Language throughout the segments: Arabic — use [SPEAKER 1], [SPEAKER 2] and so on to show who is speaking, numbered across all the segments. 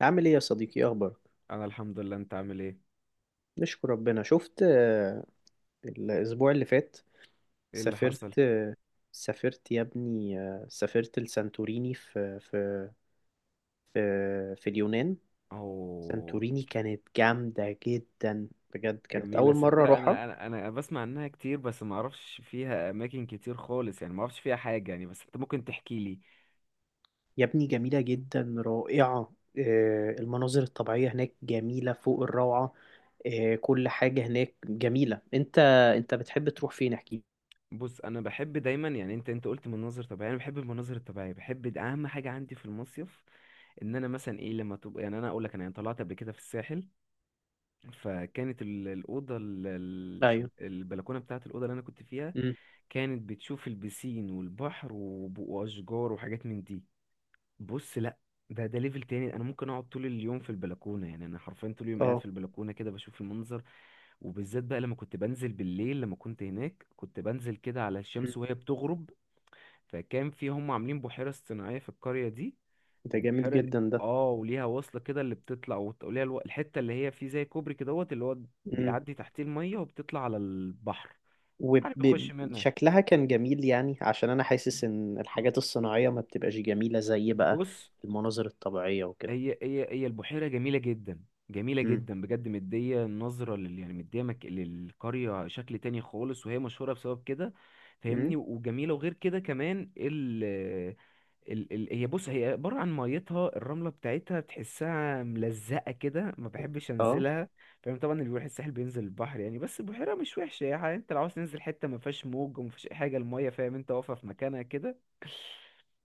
[SPEAKER 1] عامل ايه يا صديقي؟ إيه اخبارك؟
[SPEAKER 2] انا الحمد لله، انت عامل ايه؟
[SPEAKER 1] نشكر ربنا شفت. الاسبوع اللي فات
[SPEAKER 2] ايه اللي حصل؟
[SPEAKER 1] سافرت. سافرت يا ابني. سافرت لسانتوريني في في اليونان.
[SPEAKER 2] اهو.
[SPEAKER 1] سانتوريني كانت جامدة جدا بجد، كانت
[SPEAKER 2] جميله،
[SPEAKER 1] اول مرة
[SPEAKER 2] صدق،
[SPEAKER 1] اروحها.
[SPEAKER 2] انا بسمع عنها كتير، بس ما اعرفش فيها اماكن كتير خالص، يعني ما اعرفش فيها حاجه، يعني بس انت ممكن تحكي لي.
[SPEAKER 1] يا ابني جميلة جدا، رائعة. المناظر الطبيعية هناك جميلة فوق الروعة. كل حاجة هناك جميلة. انت بتحب تروح فين؟ احكي.
[SPEAKER 2] بص، انا بحب دايما، يعني انت قلت مناظر طبيعيه، انا بحب المناظر الطبيعيه، بحب اهم حاجه عندي في المصيف. ان انا مثلا ايه لما تبقى، يعني انا اقول لك، انا يعني طلعت قبل كده في الساحل. فكانت الاوضه،
[SPEAKER 1] ايوه.
[SPEAKER 2] البلكونه بتاعه الاوضه اللي انا كنت فيها،
[SPEAKER 1] امم.
[SPEAKER 2] كانت بتشوف البسين والبحر واشجار وحاجات من دي. بص، لا. ده ليفل تاني، انا ممكن اقعد طول اليوم في البلكونه، يعني انا حرفيا طول اليوم قاعد
[SPEAKER 1] اه.
[SPEAKER 2] في البلكونه كده بشوف المنظر. وبالذات بقى لما كنت بنزل بالليل، لما كنت هناك كنت بنزل كده على
[SPEAKER 1] مم.
[SPEAKER 2] الشمس وهي بتغرب. فكان في، هم عاملين بحيره اصطناعيه في القريه دي.
[SPEAKER 1] ده جامد
[SPEAKER 2] وبحيره دي-
[SPEAKER 1] جدا ده.
[SPEAKER 2] اه وليها وصله كده اللي بتطلع وليها الحته اللي هي فيه زي كوبري كده دوت، اللي هو
[SPEAKER 1] مم.
[SPEAKER 2] بيعدي تحتيه الميه وبتطلع على البحر. عارف، بيخش منها.
[SPEAKER 1] وشكلها كان جميل يعني، عشان انا حاسس ان الحاجات الصناعية ما بتبقاش جميلة زي بقى
[SPEAKER 2] بص،
[SPEAKER 1] المناظر الطبيعية وكده.
[SPEAKER 2] هي البحيرة جميلة جدا. جميلة
[SPEAKER 1] امم.
[SPEAKER 2] جدا بجد، مدية نظرة يعني مدية للقرية شكل تاني خالص، وهي مشهورة بسبب كده.
[SPEAKER 1] امم.
[SPEAKER 2] فاهمني، وجميلة، وغير كده كمان ال... ال... هي بص هي عبارة عن ميتها، الرملة بتاعتها بتحسها ملزقة كده، ما بحبش
[SPEAKER 1] اه.
[SPEAKER 2] انزلها. فاهم، طبعا اللي بيروح الساحل بينزل البحر يعني، بس البحيرة مش وحشة، يعني انت لو عاوز تنزل حتة ما فيهاش موج وما فيهاش اي حاجة، المية فاهم انت واقفة في مكانها كده.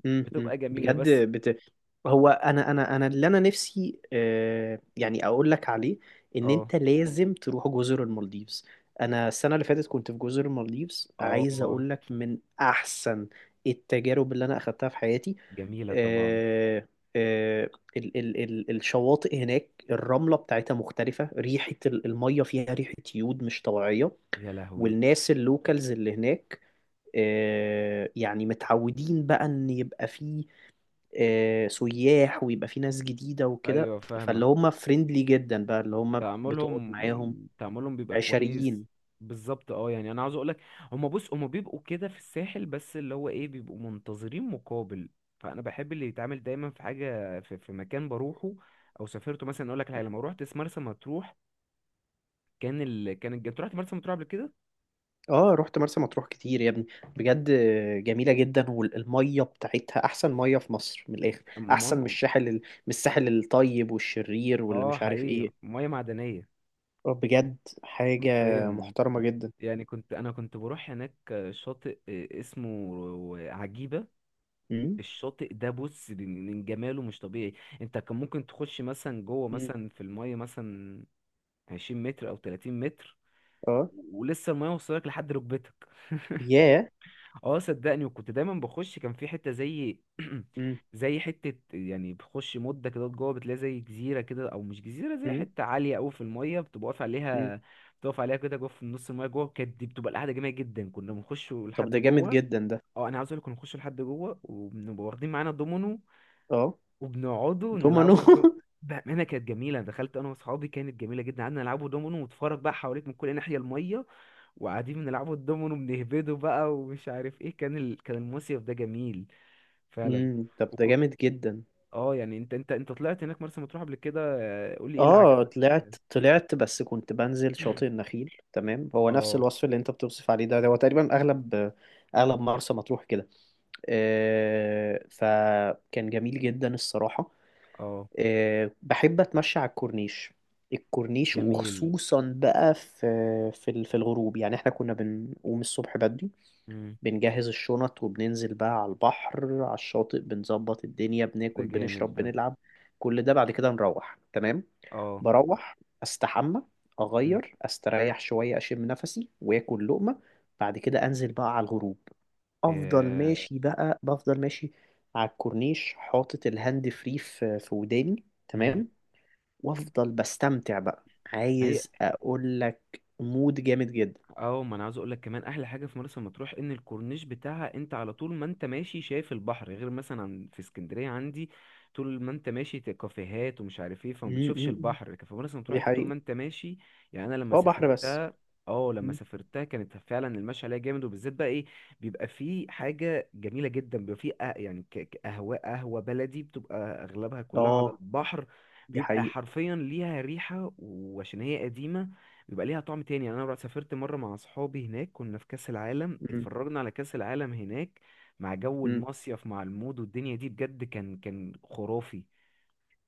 [SPEAKER 1] امم.
[SPEAKER 2] بتبقى
[SPEAKER 1] امم.
[SPEAKER 2] جميلة
[SPEAKER 1] بجد
[SPEAKER 2] بس.
[SPEAKER 1] هو انا انا انا اللي انا نفسي يعني اقول لك عليه، ان
[SPEAKER 2] اه،
[SPEAKER 1] انت لازم تروح جزر المالديفز. انا السنة اللي فاتت كنت في جزر المالديفز، عايز
[SPEAKER 2] اه.
[SPEAKER 1] اقول لك من احسن التجارب اللي انا اخدتها في حياتي.
[SPEAKER 2] جميلة طبعا.
[SPEAKER 1] آه، آه، الشواطئ هناك الرملة بتاعتها مختلفة، ريحة المية فيها ريحة يود مش طبيعية.
[SPEAKER 2] يا لهوي!
[SPEAKER 1] والناس اللوكالز اللي هناك يعني متعودين بقى ان يبقى فيه سياح ويبقى فيه ناس جديدة وكده،
[SPEAKER 2] ايوه، فاهمك.
[SPEAKER 1] فاللي هم فريندلي جدا بقى اللي هم بتقعد معاهم.
[SPEAKER 2] تعاملهم بيبقى كويس.
[SPEAKER 1] عشريين.
[SPEAKER 2] بالظبط، اه يعني انا عاوز اقولك، هما بص هما بيبقوا كده في الساحل، بس اللي هو ايه، بيبقوا منتظرين مقابل. فانا بحب اللي يتعامل دايما في حاجة، في مكان بروحه، او سافرته مثلا. اقول لك حاجة، لما روحت مرسى مطروح، كان ال... كان الج... انت رحت مرسى مطروح قبل كده؟
[SPEAKER 1] اه رحت مرسى مطروح كتير يا ابني، بجد جميلة جدا، والمية بتاعتها احسن مية في مصر من الاخر، احسن من
[SPEAKER 2] المهم.
[SPEAKER 1] الساحل من الساحل الطيب والشرير واللي
[SPEAKER 2] اه،
[SPEAKER 1] مش عارف
[SPEAKER 2] حقيقي
[SPEAKER 1] ايه.
[SPEAKER 2] مياه معدنية.
[SPEAKER 1] بجد حاجة
[SPEAKER 2] حرفيا.
[SPEAKER 1] محترمة جدا.
[SPEAKER 2] يعني انا كنت بروح هناك شاطئ، اسمه عجيبة.
[SPEAKER 1] امم.
[SPEAKER 2] الشاطئ ده، بص، من جماله مش طبيعي. انت كان ممكن تخش مثلا جوه،
[SPEAKER 1] امم.
[SPEAKER 2] مثلا في المية مثلا 20 متر او 30 متر،
[SPEAKER 1] اه.
[SPEAKER 2] ولسه المية وصلك لحد ركبتك.
[SPEAKER 1] ياه.
[SPEAKER 2] اه، صدقني، وكنت دايما بخش، كان في حتة زي
[SPEAKER 1] امم.
[SPEAKER 2] زي حتة، يعني بخش مدة كده جوه بتلاقي زي جزيرة كده، أو مش جزيرة، زي
[SPEAKER 1] امم.
[SPEAKER 2] حتة عالية أوي في المية بتبقى واقف
[SPEAKER 1] امم.
[SPEAKER 2] عليها. بتقف عليها كده جوه في نص المية جوه، كانت دي بتبقى القعدة جميلة جدا، كنا بنخش
[SPEAKER 1] طب
[SPEAKER 2] لحد
[SPEAKER 1] ده جامد
[SPEAKER 2] جوه.
[SPEAKER 1] جدا ده.
[SPEAKER 2] اه، أنا عاوز أقولك، كنا بنخش لحد جوه وبنبقى واخدين معانا دومينو،
[SPEAKER 1] اه.
[SPEAKER 2] وبنقعدوا
[SPEAKER 1] دومانو
[SPEAKER 2] نلعبوا بأمانة كانت جميلة، دخلت أنا وأصحابي، كانت جميلة جدا، قعدنا نلعبوا دومينو ونتفرج بقى، حواليك من كل ناحية المية، وقاعدين بنلعبوا الدومينو بنهبده بقى ومش عارف إيه. كان المصيف ده جميل فعلا.
[SPEAKER 1] امم. طب ده
[SPEAKER 2] وك...
[SPEAKER 1] جامد جدا.
[SPEAKER 2] اه يعني انت طلعت هناك مرسى مطروح قبل كده، قول لي ايه اللي
[SPEAKER 1] اه
[SPEAKER 2] عجبك فيها؟
[SPEAKER 1] طلعت بس كنت بنزل شاطئ النخيل، تمام. هو نفس
[SPEAKER 2] اه،
[SPEAKER 1] الوصف اللي انت بتوصف عليه ده، هو تقريبا اغلب مرسى مطروح كده. فكان جميل جدا الصراحة.
[SPEAKER 2] اه،
[SPEAKER 1] بحب أتمشى على الكورنيش، الكورنيش،
[SPEAKER 2] جميل.
[SPEAKER 1] وخصوصا بقى في الغروب. يعني احنا كنا بنقوم الصبح بدري،
[SPEAKER 2] مم.
[SPEAKER 1] بنجهز الشنط وبننزل بقى على البحر، على الشاطئ، بنظبط الدنيا،
[SPEAKER 2] ده
[SPEAKER 1] بناكل،
[SPEAKER 2] جامد
[SPEAKER 1] بنشرب،
[SPEAKER 2] ده.
[SPEAKER 1] بنلعب. كل ده بعد كده نروح تمام.
[SPEAKER 2] اه.
[SPEAKER 1] بروح استحمى،
[SPEAKER 2] مم.
[SPEAKER 1] اغير، استريح شويه، اشم نفسي، واكل لقمه. بعد كده انزل بقى على الغروب، افضل
[SPEAKER 2] ياه.
[SPEAKER 1] ماشي بقى، بفضل ماشي على الكورنيش، حاطط الهاند فري في وداني،
[SPEAKER 2] مم.
[SPEAKER 1] تمام. وافضل بستمتع بقى،
[SPEAKER 2] ما هي،
[SPEAKER 1] عايز اقول لك مود جامد جدا.
[SPEAKER 2] اه ما انا عاوز اقول لك كمان احلى حاجه في مرسى مطروح ان الكورنيش بتاعها، انت على طول ما انت ماشي شايف البحر، غير مثلا في اسكندريه عندي طول ما انت ماشي كافيهات ومش عارف ايه، فما
[SPEAKER 1] م-
[SPEAKER 2] بتشوفش
[SPEAKER 1] م- م.
[SPEAKER 2] البحر، لكن في مرسى مطروح
[SPEAKER 1] دي
[SPEAKER 2] انت طول ما
[SPEAKER 1] حقيقة.
[SPEAKER 2] انت ماشي. يعني انا لما
[SPEAKER 1] اه، بحر بس.
[SPEAKER 2] سافرتها، اه لما
[SPEAKER 1] م.
[SPEAKER 2] سافرتها كانت فعلا المشي عليها جامد، وبالذات بقى ايه، بيبقى فيه حاجه جميله جدا، بيبقى فيه يعني قهوه بلدي، بتبقى اغلبها كلها على
[SPEAKER 1] اه
[SPEAKER 2] البحر،
[SPEAKER 1] دي
[SPEAKER 2] بيبقى
[SPEAKER 1] حقيقة.
[SPEAKER 2] حرفيا ليها ريحه، وعشان هي قديمه بيبقى ليها طعم تاني. يعني انا سافرت مره مع اصحابي هناك، كنا في كاس العالم،
[SPEAKER 1] م-
[SPEAKER 2] اتفرجنا على كاس العالم هناك مع جو
[SPEAKER 1] م.
[SPEAKER 2] المصيف، مع المود والدنيا دي، بجد كان خرافي.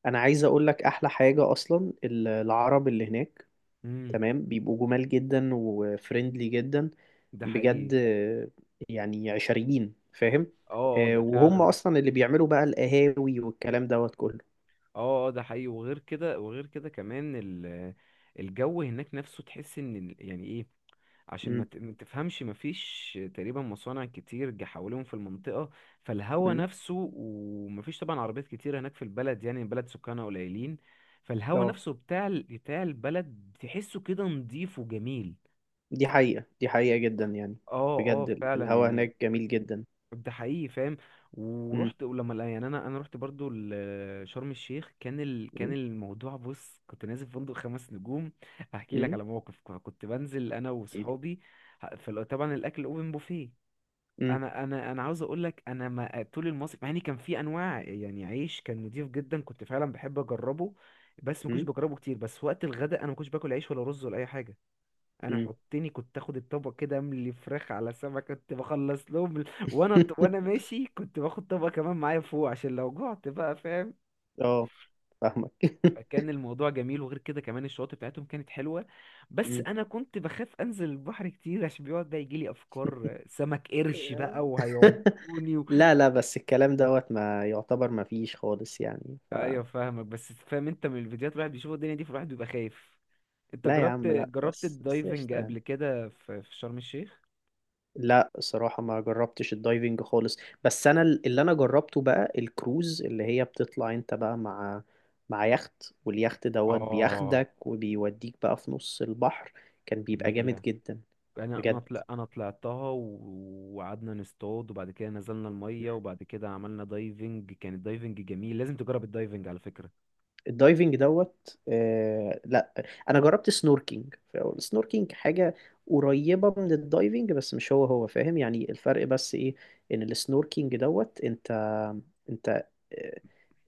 [SPEAKER 1] انا عايز اقول لك احلى حاجة، اصلا العرب اللي هناك
[SPEAKER 2] امم.
[SPEAKER 1] تمام، بيبقوا جمال جدا وفريندلي جدا،
[SPEAKER 2] ده حقيقي.
[SPEAKER 1] بجد. يعني عشريين، فاهم؟
[SPEAKER 2] اه، اه، ده
[SPEAKER 1] وهم
[SPEAKER 2] فعلا.
[SPEAKER 1] اصلا اللي بيعملوا بقى القهاوي والكلام دوت كله.
[SPEAKER 2] اه، اه، ده حقيقي، وغير كده كمان الجو هناك نفسه، تحس ان يعني ايه، عشان
[SPEAKER 1] امم.
[SPEAKER 2] ما تفهمش، مفيش تقريبا مصانع كتير جا حواليهم في المنطقة، فالهوا
[SPEAKER 1] امم.
[SPEAKER 2] نفسه. ومفيش طبعا عربيات كتير هناك في البلد، يعني البلد سكانها قليلين، فالهوا
[SPEAKER 1] اه
[SPEAKER 2] نفسه بتاع بتاع البلد تحسه كده نضيف وجميل.
[SPEAKER 1] دي حقيقة، دي حقيقة جدا يعني.
[SPEAKER 2] اه، اه،
[SPEAKER 1] بجد
[SPEAKER 2] فعلا
[SPEAKER 1] الهوا
[SPEAKER 2] يعني.
[SPEAKER 1] هناك جميل جدا.
[SPEAKER 2] ده حقيقي، فاهم.
[SPEAKER 1] امم.
[SPEAKER 2] ورحت، ولما يعني انا رحت برضو شرم الشيخ. كان
[SPEAKER 1] امم.
[SPEAKER 2] الموضوع، بص، كنت نازل في فندق خمس نجوم. هحكي لك
[SPEAKER 1] امم.
[SPEAKER 2] على موقف، كنت بنزل انا وصحابي، طبعا الاكل اوبن بوفيه.
[SPEAKER 1] امم.
[SPEAKER 2] انا عاوز اقول لك، انا ما طول المصيف، مع ان كان في انواع، يعني عيش كان نضيف جدا كنت فعلا بحب اجربه، بس ما كنتش
[SPEAKER 1] امم.
[SPEAKER 2] بجربه كتير، بس وقت الغداء انا ما كنتش باكل عيش ولا رز ولا اي حاجه. انا
[SPEAKER 1] امم.
[SPEAKER 2] حطني كنت اخد الطبق كده، املي فراخ على سمك، كنت بخلص لهم وانا ماشي كنت باخد طبق كمان معايا فوق، عشان لو جعت بقى، فاهم.
[SPEAKER 1] اه فاهمك
[SPEAKER 2] فكان الموضوع جميل، وغير كده كمان الشواطئ بتاعتهم كانت حلوه، بس
[SPEAKER 1] أمم.
[SPEAKER 2] انا كنت بخاف انزل البحر كتير، عشان بيقعد بقى يجيلي افكار سمك قرش بقى وهيقعد.
[SPEAKER 1] لا، لا، بس الكلام دوت ما يعتبر ما فيش خالص يعني ف.
[SPEAKER 2] ايوه، فاهمك، بس فاهم انت من الفيديوهات الواحد بيشوف الدنيا دي، فالواحد بيبقى خايف. انت
[SPEAKER 1] لا يا
[SPEAKER 2] جربت
[SPEAKER 1] عم، لا،
[SPEAKER 2] جربت
[SPEAKER 1] بس
[SPEAKER 2] الدايفنج
[SPEAKER 1] قشطة يعني.
[SPEAKER 2] قبل كده في شرم الشيخ؟
[SPEAKER 1] لا، صراحة ما جربتش الدايفنج خالص. بس انا اللي انا جربته بقى الكروز، اللي هي بتطلع انت بقى مع يخت، واليخت دوت
[SPEAKER 2] اه،
[SPEAKER 1] بياخدك وبيوديك بقى في نص البحر. كان بيبقى جامد
[SPEAKER 2] جميلة.
[SPEAKER 1] جدا،
[SPEAKER 2] انا انا
[SPEAKER 1] بجد.
[SPEAKER 2] طلع انا طلعتها وقعدنا نصطاد، وبعد كده نزلنا المية، وبعد كده عملنا دايفنج، كان الدايفنج جميل، لازم تجرب الدايفنج على فكرة.
[SPEAKER 1] الدايفنج دوت، لا، انا جربت سنوركينج. السنوركينج حاجة قريبة من الدايفنج بس مش هو هو، فاهم يعني الفرق؟ بس ايه، ان السنوركينج دوت انت انت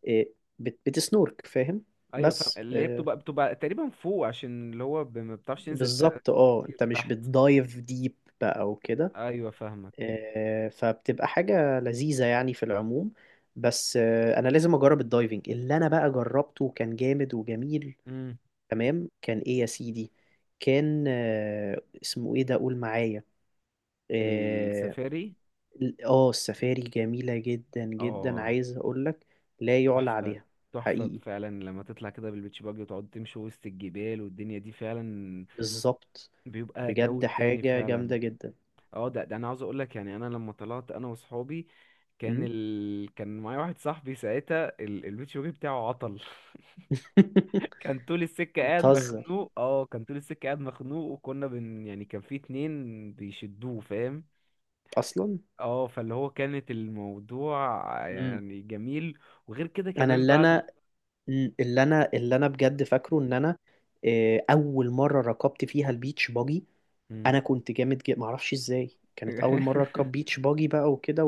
[SPEAKER 1] إيه، بتسنورك، فاهم؟
[SPEAKER 2] ايوه، فاهم،
[SPEAKER 1] بس
[SPEAKER 2] اللي هي بتبقى تقريبا فوق، عشان اللي هو ما بتعرفش تنزل
[SPEAKER 1] بالظبط، اه،
[SPEAKER 2] كتير
[SPEAKER 1] انت مش
[SPEAKER 2] تحت.
[SPEAKER 1] بتدايف ديب بقى وكده.
[SPEAKER 2] ايوه، فاهمك.
[SPEAKER 1] فبتبقى حاجة لذيذة يعني في العموم. بس انا لازم اجرب الدايفنج. اللي انا بقى جربته كان جامد وجميل،
[SPEAKER 2] امم.
[SPEAKER 1] تمام. كان ايه يا سيدي؟ كان اسمه ايه ده؟ قول معايا. اه،
[SPEAKER 2] السفاري.
[SPEAKER 1] السفاري جميلة جدا جدا،
[SPEAKER 2] اه،
[SPEAKER 1] عايز اقولك لا يعلى
[SPEAKER 2] تحفة.
[SPEAKER 1] عليها.
[SPEAKER 2] تحفة
[SPEAKER 1] حقيقي.
[SPEAKER 2] فعلا، لما تطلع كده بالبيتش باجي وتقعد تمشي وسط الجبال والدنيا دي، فعلا
[SPEAKER 1] بالظبط.
[SPEAKER 2] بيبقى جو
[SPEAKER 1] بجد
[SPEAKER 2] تاني
[SPEAKER 1] حاجة
[SPEAKER 2] فعلا.
[SPEAKER 1] جامدة جدا.
[SPEAKER 2] اه، ده انا عاوز اقولك، يعني انا لما طلعت انا وصحابي،
[SPEAKER 1] مم.
[SPEAKER 2] كان معايا واحد صاحبي ساعتها، البيتش باجي بتاعه عطل. كان طول السكة قاعد
[SPEAKER 1] بتهزر
[SPEAKER 2] مخنوق، كان طول السكة قاعد مخنوق، وكنا يعني كان في اتنين بيشدوه، فاهم.
[SPEAKER 1] اصلا.
[SPEAKER 2] اه، فاللي هو كانت الموضوع
[SPEAKER 1] مم.
[SPEAKER 2] يعني جميل. وغير كده
[SPEAKER 1] انا
[SPEAKER 2] كمان
[SPEAKER 1] اللي
[SPEAKER 2] بعده،
[SPEAKER 1] انا مم. اللي انا اللي انا بجد فاكره ان انا اول مره ركبت فيها البيتش باجي.
[SPEAKER 2] مم.
[SPEAKER 1] انا كنت جامد جدا، معرفش ازاي، كانت اول مره اركب بيتش باجي بقى وكده،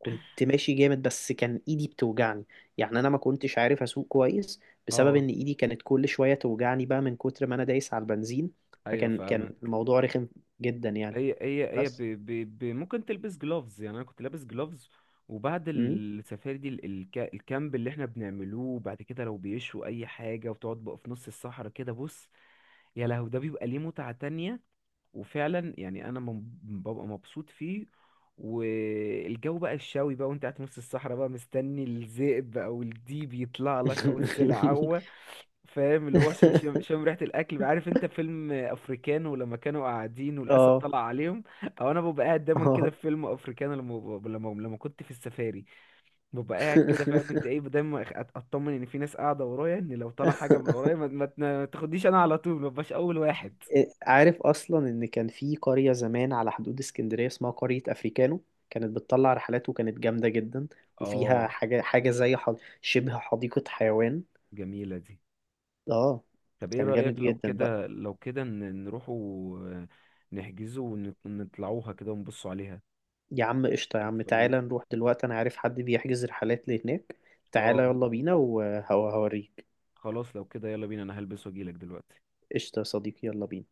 [SPEAKER 1] وكنت ماشي جامد، بس كان ايدي بتوجعني، يعني انا ما كنتش عارف اسوق كويس، بسبب
[SPEAKER 2] اه.
[SPEAKER 1] ان ايدي كانت كل شويه توجعني بقى من كتر ما انا دايس على البنزين.
[SPEAKER 2] ايوه،
[SPEAKER 1] فكان
[SPEAKER 2] فاهمك.
[SPEAKER 1] الموضوع رخم جدا يعني.
[SPEAKER 2] هي هي هي ب...
[SPEAKER 1] بس
[SPEAKER 2] ب... ب... ممكن تلبس جلوفز، يعني انا كنت لابس جلوفز. وبعد
[SPEAKER 1] مم.
[SPEAKER 2] السفاري دي الكامب اللي احنا بنعملوه بعد كده، لو بيشوا اي حاجه وتقعد بقى في نص الصحراء كده، بص، يا لهو، ده بيبقى ليه متعه تانية. وفعلا يعني انا ببقى مبسوط فيه. والجو بقى الشاوي بقى، وانت قاعد في نص الصحراء بقى مستني الذئب او الديب يطلع لك او السلعوة، فاهم، اللي هو عشان شم, شم ريحة الاكل بقى. عارف انت فيلم افريكانو لما كانوا قاعدين والاسد
[SPEAKER 1] اه،
[SPEAKER 2] طلع عليهم، او انا ببقى قاعد دايما كده
[SPEAKER 1] اه
[SPEAKER 2] في فيلم افريكانو، لما لما كنت في السفاري، ببقى قاعد كده، فاهم انت ايه، دايما اطمن ان في ناس قاعدة ورايا، ان لو طلع حاجة من ورايا ما تاخدنيش انا، على طول ما ببقاش اول واحد.
[SPEAKER 1] عارف اصلا ان كان في قرية زمان على حدود اسكندرية، اسمها قرية افريكانو، كانت بتطلع رحلات، وكانت جامدة جدا، وفيها
[SPEAKER 2] اه،
[SPEAKER 1] شبه حديقة حيوان.
[SPEAKER 2] جميلة دي.
[SPEAKER 1] اه،
[SPEAKER 2] طب ايه
[SPEAKER 1] كان جامد
[SPEAKER 2] رأيك، لو
[SPEAKER 1] جدا بقى.
[SPEAKER 2] كده لو كده نروحوا، آه، نحجزوا ونطلعوها كده ونبصوا عليها،
[SPEAKER 1] يا عم قشطة، يا عم
[SPEAKER 2] نتف-
[SPEAKER 1] تعالى
[SPEAKER 2] نت-
[SPEAKER 1] نروح دلوقتي، انا عارف حد بيحجز رحلات لهناك. تعالى
[SPEAKER 2] اه،
[SPEAKER 1] يلا بينا وهوريك.
[SPEAKER 2] خلاص، لو كده يلا بينا، انا هلبس واجيلك دلوقتي.
[SPEAKER 1] قشطة يا صديقي، يلا بينا.